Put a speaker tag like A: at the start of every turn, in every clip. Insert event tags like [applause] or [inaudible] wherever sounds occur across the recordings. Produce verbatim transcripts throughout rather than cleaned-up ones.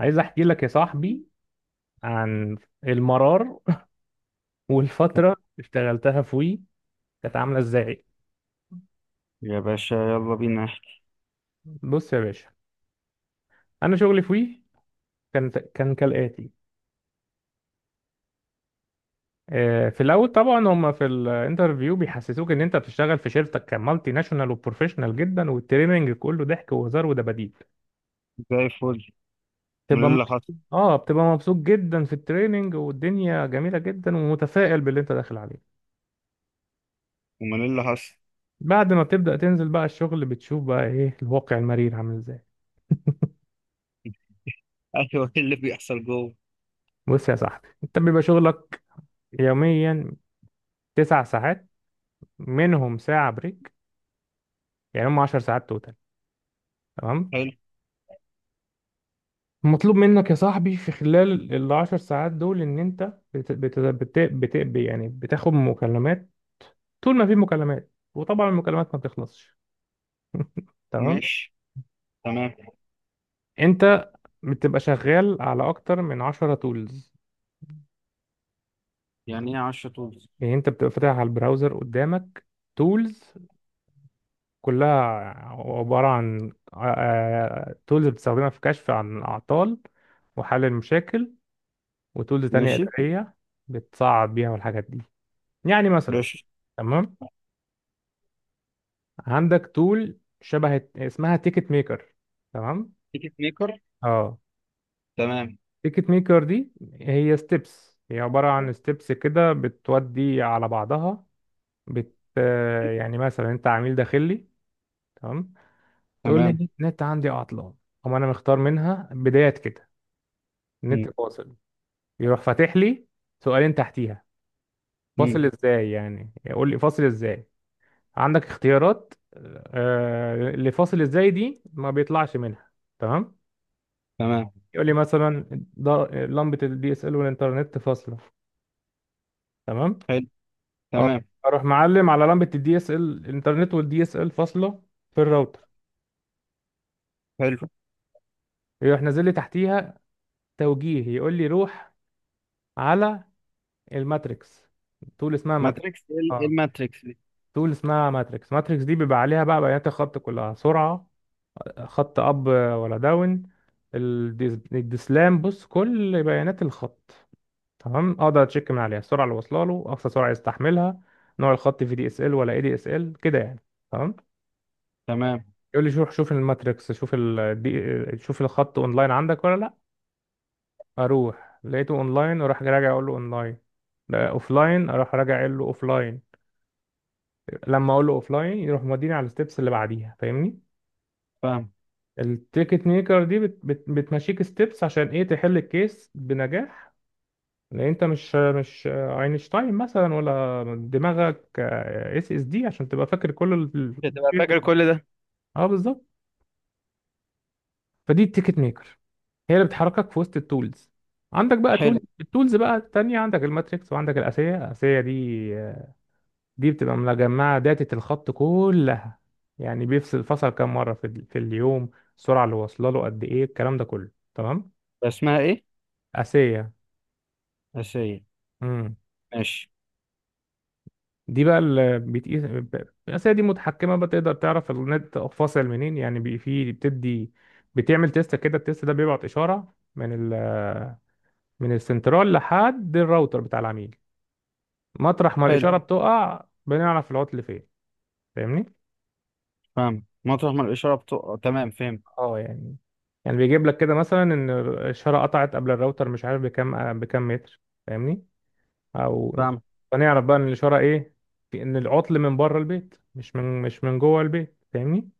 A: عايز احكي لك يا صاحبي عن المرار [laughs] والفترة اللي اشتغلتها في وي كانت عاملة ازاي.
B: يا باشا، يلا بينا احكي.
A: بص يا باشا، انا شغلي في وي كان كان كالآتي. آه، في الاول طبعا هم في الانترفيو بيحسسوك ان انت بتشتغل في شركتك كمالتي ناشونال وبروفيشنال جدا، والتريننج كله ضحك وهزار ودباديب،
B: زي الفل. امال إيه
A: تبقى
B: اللي
A: مبسوط.
B: حصل؟
A: اه، بتبقى مبسوط جدا في التريننج والدنيا جميلة جدا ومتفائل باللي انت داخل عليه.
B: امال إيه اللي حصل؟
A: بعد ما بتبدأ تنزل بقى الشغل بتشوف بقى ايه الواقع المرير عامل ازاي.
B: [laughs] ايوه، ايه اللي بيحصل جوه؟
A: بص يا صاحبي، انت بيبقى شغلك يوميا تسع ساعات، منهم ساعة بريك، يعني هم عشر ساعات توتال، تمام.
B: حلو.
A: مطلوب منك يا صاحبي في خلال العشر ساعات دول ان انت بت... بت... بت... بت... بت... يعني بتاخد مكالمات طول ما في مكالمات، وطبعا المكالمات ما بتخلصش، تمام.
B: ماشي. تمام.
A: انت بتبقى شغال على اكتر من عشرة تولز.
B: يعني ايه عشرة طول؟
A: يعني انت بتبقى فاتح على البراوزر قدامك تولز، كلها عبارة عن تولز بتستخدمها في كشف عن الأعطال وحل المشاكل، وتولز تانية مم.
B: ماشي.
A: إدارية بتصعب بيها الحاجات دي. يعني مثلا،
B: ماشي.
A: تمام، عندك تول شبه اسمها تيكت ميكر، تمام.
B: تيكت ميكر؟
A: اه،
B: تمام.
A: تيكت ميكر دي هي ستيبس، هي عبارة عن ستيبس كده بتودي على بعضها. بت آه، يعني مثلا انت عميل داخلي، تمام، تقول
B: تمام.
A: لي النت عندي عطلان. أقوم انا مختار منها بداية كده
B: مم.
A: النت فاصل. يروح فاتح لي سؤالين تحتيها،
B: مم.
A: فاصل ازاي؟ يعني يقول لي فاصل ازاي. عندك اختيارات. آه، اللي فاصل ازاي دي ما بيطلعش منها، تمام.
B: تمام.
A: يقول لي مثلا، ض- لمبة الدي اس ال والانترنت فاصلة، تمام.
B: حلو.
A: أه،
B: تمام.
A: اروح معلم على لمبة الدي اس ال، الانترنت والدي اس ال فاصلة في الراوتر.
B: حلو.
A: يروح نازل لي تحتيها توجيه، يقول لي روح على الماتريكس. طول اسمها ماتريكس.
B: ماتريكس، ايه ال- إيه
A: أه.
B: الماتريكس دي؟
A: تول اسمها ماتريكس. ماتريكس دي بيبقى عليها بقى بيانات الخط كلها، سرعة خط أب ولا داون، الديس- الدسلام، بص كل بيانات الخط، تمام. أقدر أتشيك من عليها السرعة اللي واصلة له، أقصى سرعة يستحملها، نوع الخط في دي اس ال ولا اي دي اس ال كده يعني، تمام.
B: تمام.
A: يقول لي شوف، شوف الماتريكس، شوف ال دي، شوف الخط اونلاين عندك ولا لا. اروح لقيته اونلاين اروح راجع اقول له اونلاين، اوفلاين اروح راجع اقول له اوفلاين. لما اقول له اوفلاين يروح موديني على الستبس اللي بعديها، فاهمني.
B: فاهم.
A: التيكت ميكر دي بت بت بتمشيك ستيبس عشان ايه؟ تحل الكيس بنجاح. لان انت مش مش اينشتاين مثلا، ولا دماغك اس اس دي عشان تبقى فاكر كل ال...
B: تبقى
A: ال-
B: فاكر كل ده؟
A: اه بالظبط. فدي التيكت ميكر هي اللي بتحركك في وسط التولز. عندك بقى تولز،
B: حلو.
A: التولز بقى التانية عندك الماتريكس وعندك الاسية. الاسية دي دي بتبقى مجمعة داتا الخط كلها، يعني بيفصل فصل كام مرة في, ال- في اليوم، السرعة اللي واصلة له قد ايه، الكلام ده كله تمام.
B: اسمها ايه؟
A: اسية
B: اساسيه. ماشي.
A: دي بقى اللي بتقيس ب- الأسئلة دي متحكمة بقى، تقدر تعرف النت فاصل منين. يعني بي- في بتدي بتعمل تيست كده، التيست ده بيبعت إشارة من ال من السنترال لحد الراوتر بتاع العميل. مطرح ما
B: حلو.
A: الإشارة اه بتقع بنعرف العطل فين، فاهمني؟
B: فاهم، مطرح ما الاشاره بتقع. تمام، فهمت.
A: اه يعني، يعني بيجيب لك كده مثلا إن الإشارة قطعت قبل الراوتر، مش عارف بكام بكام متر، فاهمني؟ أو
B: فاهم.
A: فنعرف بقى إن الإشارة إيه؟ في إن العطل من بره البيت مش من مش من جوه البيت، فاهمني؟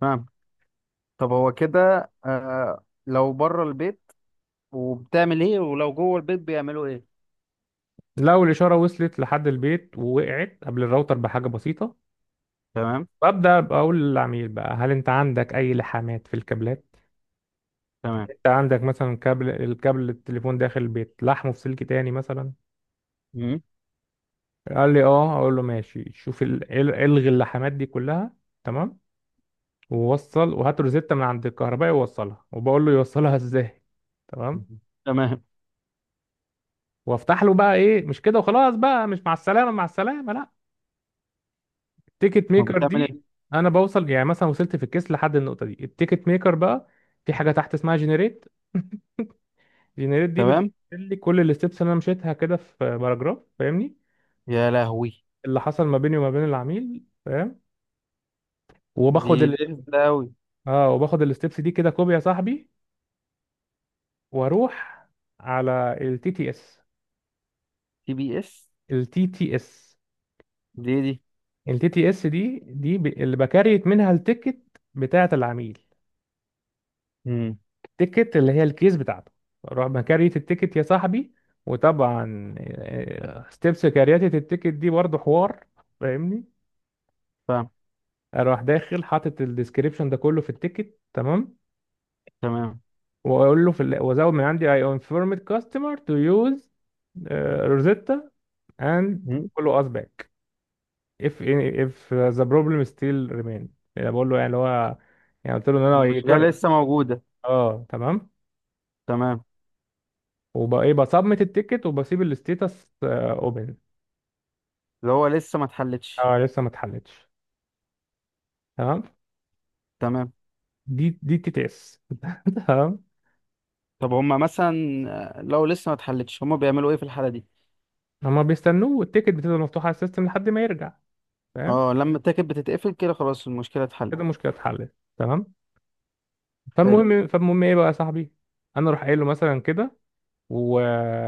B: فاهم. طب هو كده، آه لو بره البيت وبتعمل ايه، ولو جوه البيت بيعملوا ايه؟
A: لو الإشارة وصلت لحد البيت ووقعت قبل الراوتر بحاجة بسيطة،
B: تمام.
A: ببدأ بقول للعميل بقى هل أنت عندك أي لحامات في الكابلات؟
B: تمام.
A: أنت عندك مثلا كابل، الكابل التليفون داخل البيت لحمه في سلك تاني مثلا.
B: مم.
A: قال لي أه، أقول له ماشي، شوف ال- ال- إلغي اللحامات دي كلها، تمام. ووصل وهات روزيتا من عند الكهربائي ووصلها، وبقول له يوصلها إزاي، تمام.
B: تمام.
A: وافتح له بقى إيه؟ مش كده وخلاص بقى؟ مش مع السلامة، مع السلامة، لا. التيكت
B: ما
A: ميكر
B: بتعمل
A: دي،
B: ايه؟
A: انا بوصل يعني مثلا وصلت في الكيس لحد النقطه دي، التيكت ميكر بقى في حاجه تحت اسمها جنريت. جنريت دي
B: تمام.
A: بتقول لي كل الستبس اللي انا مشيتها كده في باراجراف، فاهمني،
B: يا لهوي!
A: اللي حصل ما بيني وما بين العميل، فاهم.
B: دي
A: وباخد ال...
B: لسه قوي.
A: اه وباخد الستبس دي كده كوبي يا صاحبي، واروح على التي تي اس.
B: تي بي اس؟
A: التي تي اس،
B: دي إيه دي؟
A: التي تي اس دي دي ب... اللي بكريت منها التيكت بتاعه العميل،
B: امم.
A: التيكت اللي هي الكيس بتاعته. اروح بكارية التيكت يا صاحبي، وطبعا ستيبس كارياتة التيكت دي برضه حوار، فاهمني.
B: فاهم.
A: اروح داخل حاطط الديسكريبشن ده كله في التيكت، تمام.
B: تمام.
A: واقول له في ال- وازود من عندي: I informed customer to use uh, Rosetta and
B: مم.
A: follow us back if if the problem still remain. يعني بقول له، يعني اللي هو يعني قلت له ان انا
B: المشكله
A: يجرب.
B: لسه موجوده.
A: اه، تمام.
B: تمام.
A: وبقى ايه؟ بصمت التيكت وبسيب الستيتس اوبن.
B: اللي هو لسه ما اتحلتش.
A: اه لسه ما اتحلتش، تمام.
B: تمام.
A: دي دي تي تي اس [laughs] تمام.
B: طب هما مثلا، آه، لو لسه ما اتحلتش هما بيعملوا ايه في الحاله دي؟
A: هما بيستنوه والتيكت بتفضل مفتوحه على السيستم لحد ما يرجع، فاهم.
B: اه، لما التاكد بتتقفل كده خلاص المشكله اتحلت.
A: كده المشكله اتحلت، تمام.
B: حلو.
A: فالمهم فالمهم ايه بقى يا صاحبي؟ انا اروح قايل له مثلا كده، و...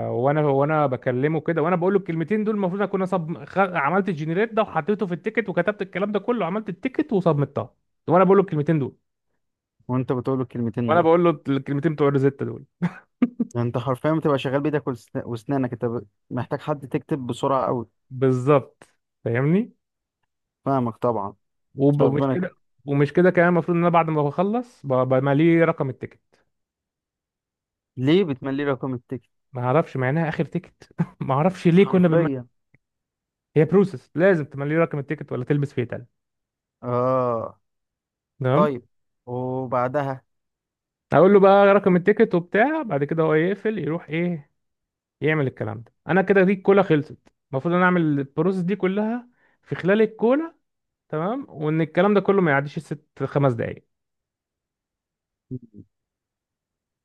A: وانا وانا بكلمه كده، وانا بقول له الكلمتين دول، المفروض اكون صب خ... عملت الجنريت ده وحطيته في التيكت وكتبت الكلام ده كله، عملت التيكت وصمتها، وانا بقول له الكلمتين دول.
B: وانت بتقول الكلمتين
A: وانا
B: دول.
A: بقول له الكلمتين بتوع الريزيتا دول
B: ده انت حرفيا بتبقى شغال بايدك والسنا- واسنانك، انت ب- محتاج حد تكتب بسرعه قوي.
A: بالظبط، فاهمني.
B: فاهمك طبعا.
A: وب- ومش
B: ربنا كان.
A: كده، ومش كده كمان. المفروض ان انا بعد ما بخلص ب- بماليه رقم التيكت.
B: ليه بتملي رقم التيكت؟
A: ما اعرفش، مع انها اخر تيكت [laughs] ما اعرفش ليه كنا بنملي.
B: حرفيا.
A: هي بروسس لازم تمليه رقم التيكت ولا تلبس فيه تلج،
B: اه.
A: تمام.
B: طيب، وبعدها؟
A: اقول له بقى رقم التيكت وبتاع، بعد كده هو يقفل يروح ايه يعمل الكلام ده. انا كده دي الكولا خلصت. المفروض ان انا اعمل البروسس دي كلها في خلال الكولا، تمام. وان الكلام ده كله ما يعديش الست خمس دقايق.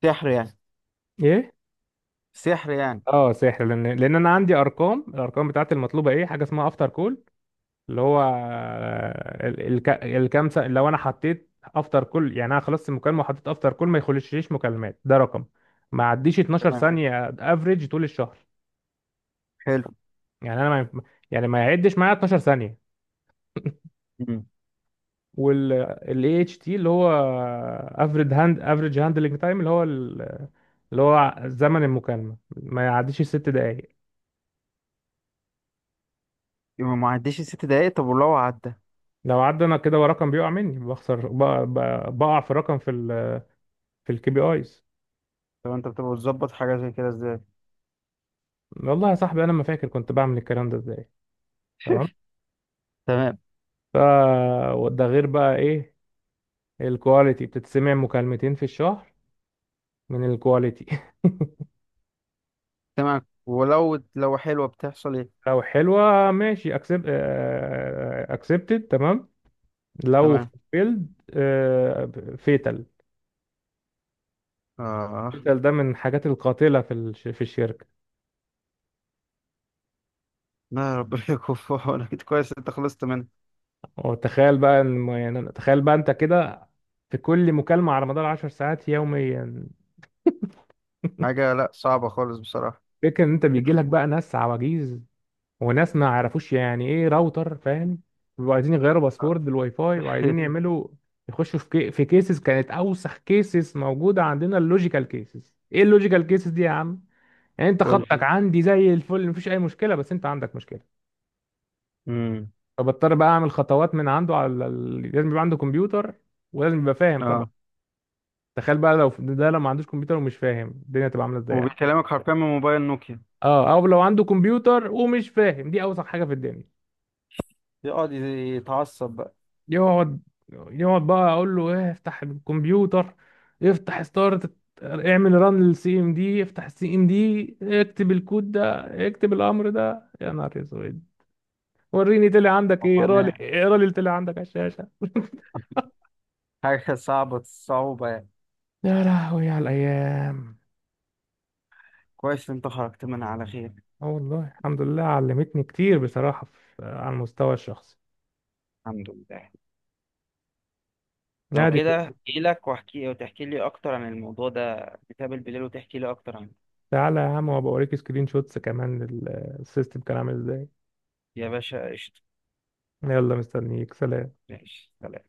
B: سحر يعني.
A: ايه؟
B: سحر يعني.
A: اه سحر. لان لان انا عندي ارقام، الارقام بتاعت المطلوبه ايه؟ حاجه اسمها افتر كول، اللي هو ال- الك- الكام سنة؟ لو انا حطيت افتر كل، يعني انا خلصت المكالمه وحطيت افتر كل ما يخشليش مكالمات، ده رقم ما عديش اتناشر
B: تمام.
A: ثانيه افريج طول الشهر.
B: حلو.
A: يعني انا ما، يعني ما يعدش معايا اتناشر ثانيه.
B: مم.
A: وال اي اتش تي، اللي هو افريج هاند افريج هاندلنج تايم، اللي هو ال- اللي هو زمن المكالمه ما يعديش الست دقائق.
B: يبقى ما عديش الست دقايق. طب ولو عدى؟
A: لو عدى انا كده ورقم بيقع مني، بخسر، بقع بقع في الرقم في ال في الكي بي ايز.
B: طب انت بتبقى بتظبط حاجه زي كده ازاي؟
A: والله يا صاحبي انا ما فاكر كنت بعمل الكلام ده ازاي، تمام.
B: تمام.
A: فده غير بقى ايه؟ الكواليتي بتتسمع مكالمتين في الشهر من الكواليتي [laughs]
B: تمام ولو لو حلوه بتحصل ايه؟
A: لو حلوة ماشي، اكسبت، اكسبتد، تمام. لو
B: تمام.
A: فيلد، فيتال.
B: اه.
A: فيتال ده من الحاجات القاتلة في الش- في الشركة.
B: لا، ربنا يكون في عونك. [laughs] كويس انت خلصت منها.
A: وتخيل بقى إن- يعني تخيل بقى انت كده في كل مكالمة على مدار عشر ساعات يوميا.
B: حاجه لا، صعبه خالص بصراحه.
A: فكرة ان انت بيجي لك بقى ناس عواجيز وناس ما عرفوش يعني ايه راوتر، فاهم، بيبقوا عايزين يغيروا باسورد
B: [laughs]
A: الواي فاي وعايزين يعملوا، يخشوا في كي... في كيسز. كانت اوسخ كيسز موجوده عندنا اللوجيكال كيسز. ايه اللوجيكال كيسز دي يا عم؟ يعني انت
B: قول.
A: خطك عندي زي الفل مفيش اي مشكله، بس انت عندك مشكله.
B: امم.
A: فبضطر بقى اعمل خطوات من عنده على ال... لازم يبقى عنده كمبيوتر، ولازم يبقى فاهم طبعا.
B: اه.
A: تخيل بقى لو ده، لو ما عندوش كمبيوتر ومش فاهم، الدنيا تبقى عامله ازاي يعني؟
B: وبيكلمك حرفيا من موبايل نوكيا.
A: اه او لو عنده كمبيوتر ومش فاهم دي اوسخ حاجه في الدنيا.
B: يقعد يتعصب بقى.
A: يقعد يقعد بقى اقول له ايه؟ افتح الكمبيوتر، افتح ستارت، اعمل ران للسي ام دي، افتح السي ام دي، اكتب الكود ده، اكتب الامر ده. يا نهار اسود، وريني طلع عندك
B: هو
A: ايه، اقرا لي،
B: معناه
A: اقرا لي اللي طلع عندك على الشاشه.
B: حاجة صعبة، الصعوبة يعني.
A: يا لهوي على الايام.
B: كويس إن أنت خرجت منها على خير.
A: اه والله الحمد لله، علمتني كتير بصراحه، في على المستوى الشخصي.
B: الحمد لله. لو
A: نادي كده،
B: كده اجي لك واحكي وتحكي لي اكتر عن الموضوع ده. نتقابل بالليل وتحكي لي اكتر عنه.
A: تعالى يا عم وابقى اوريك سكرين شوتس كمان لل- السيستم كان عامل ازاي.
B: يا باشا، قشطة.
A: يلا مستنيك، سلام.
B: ماشي، سلام.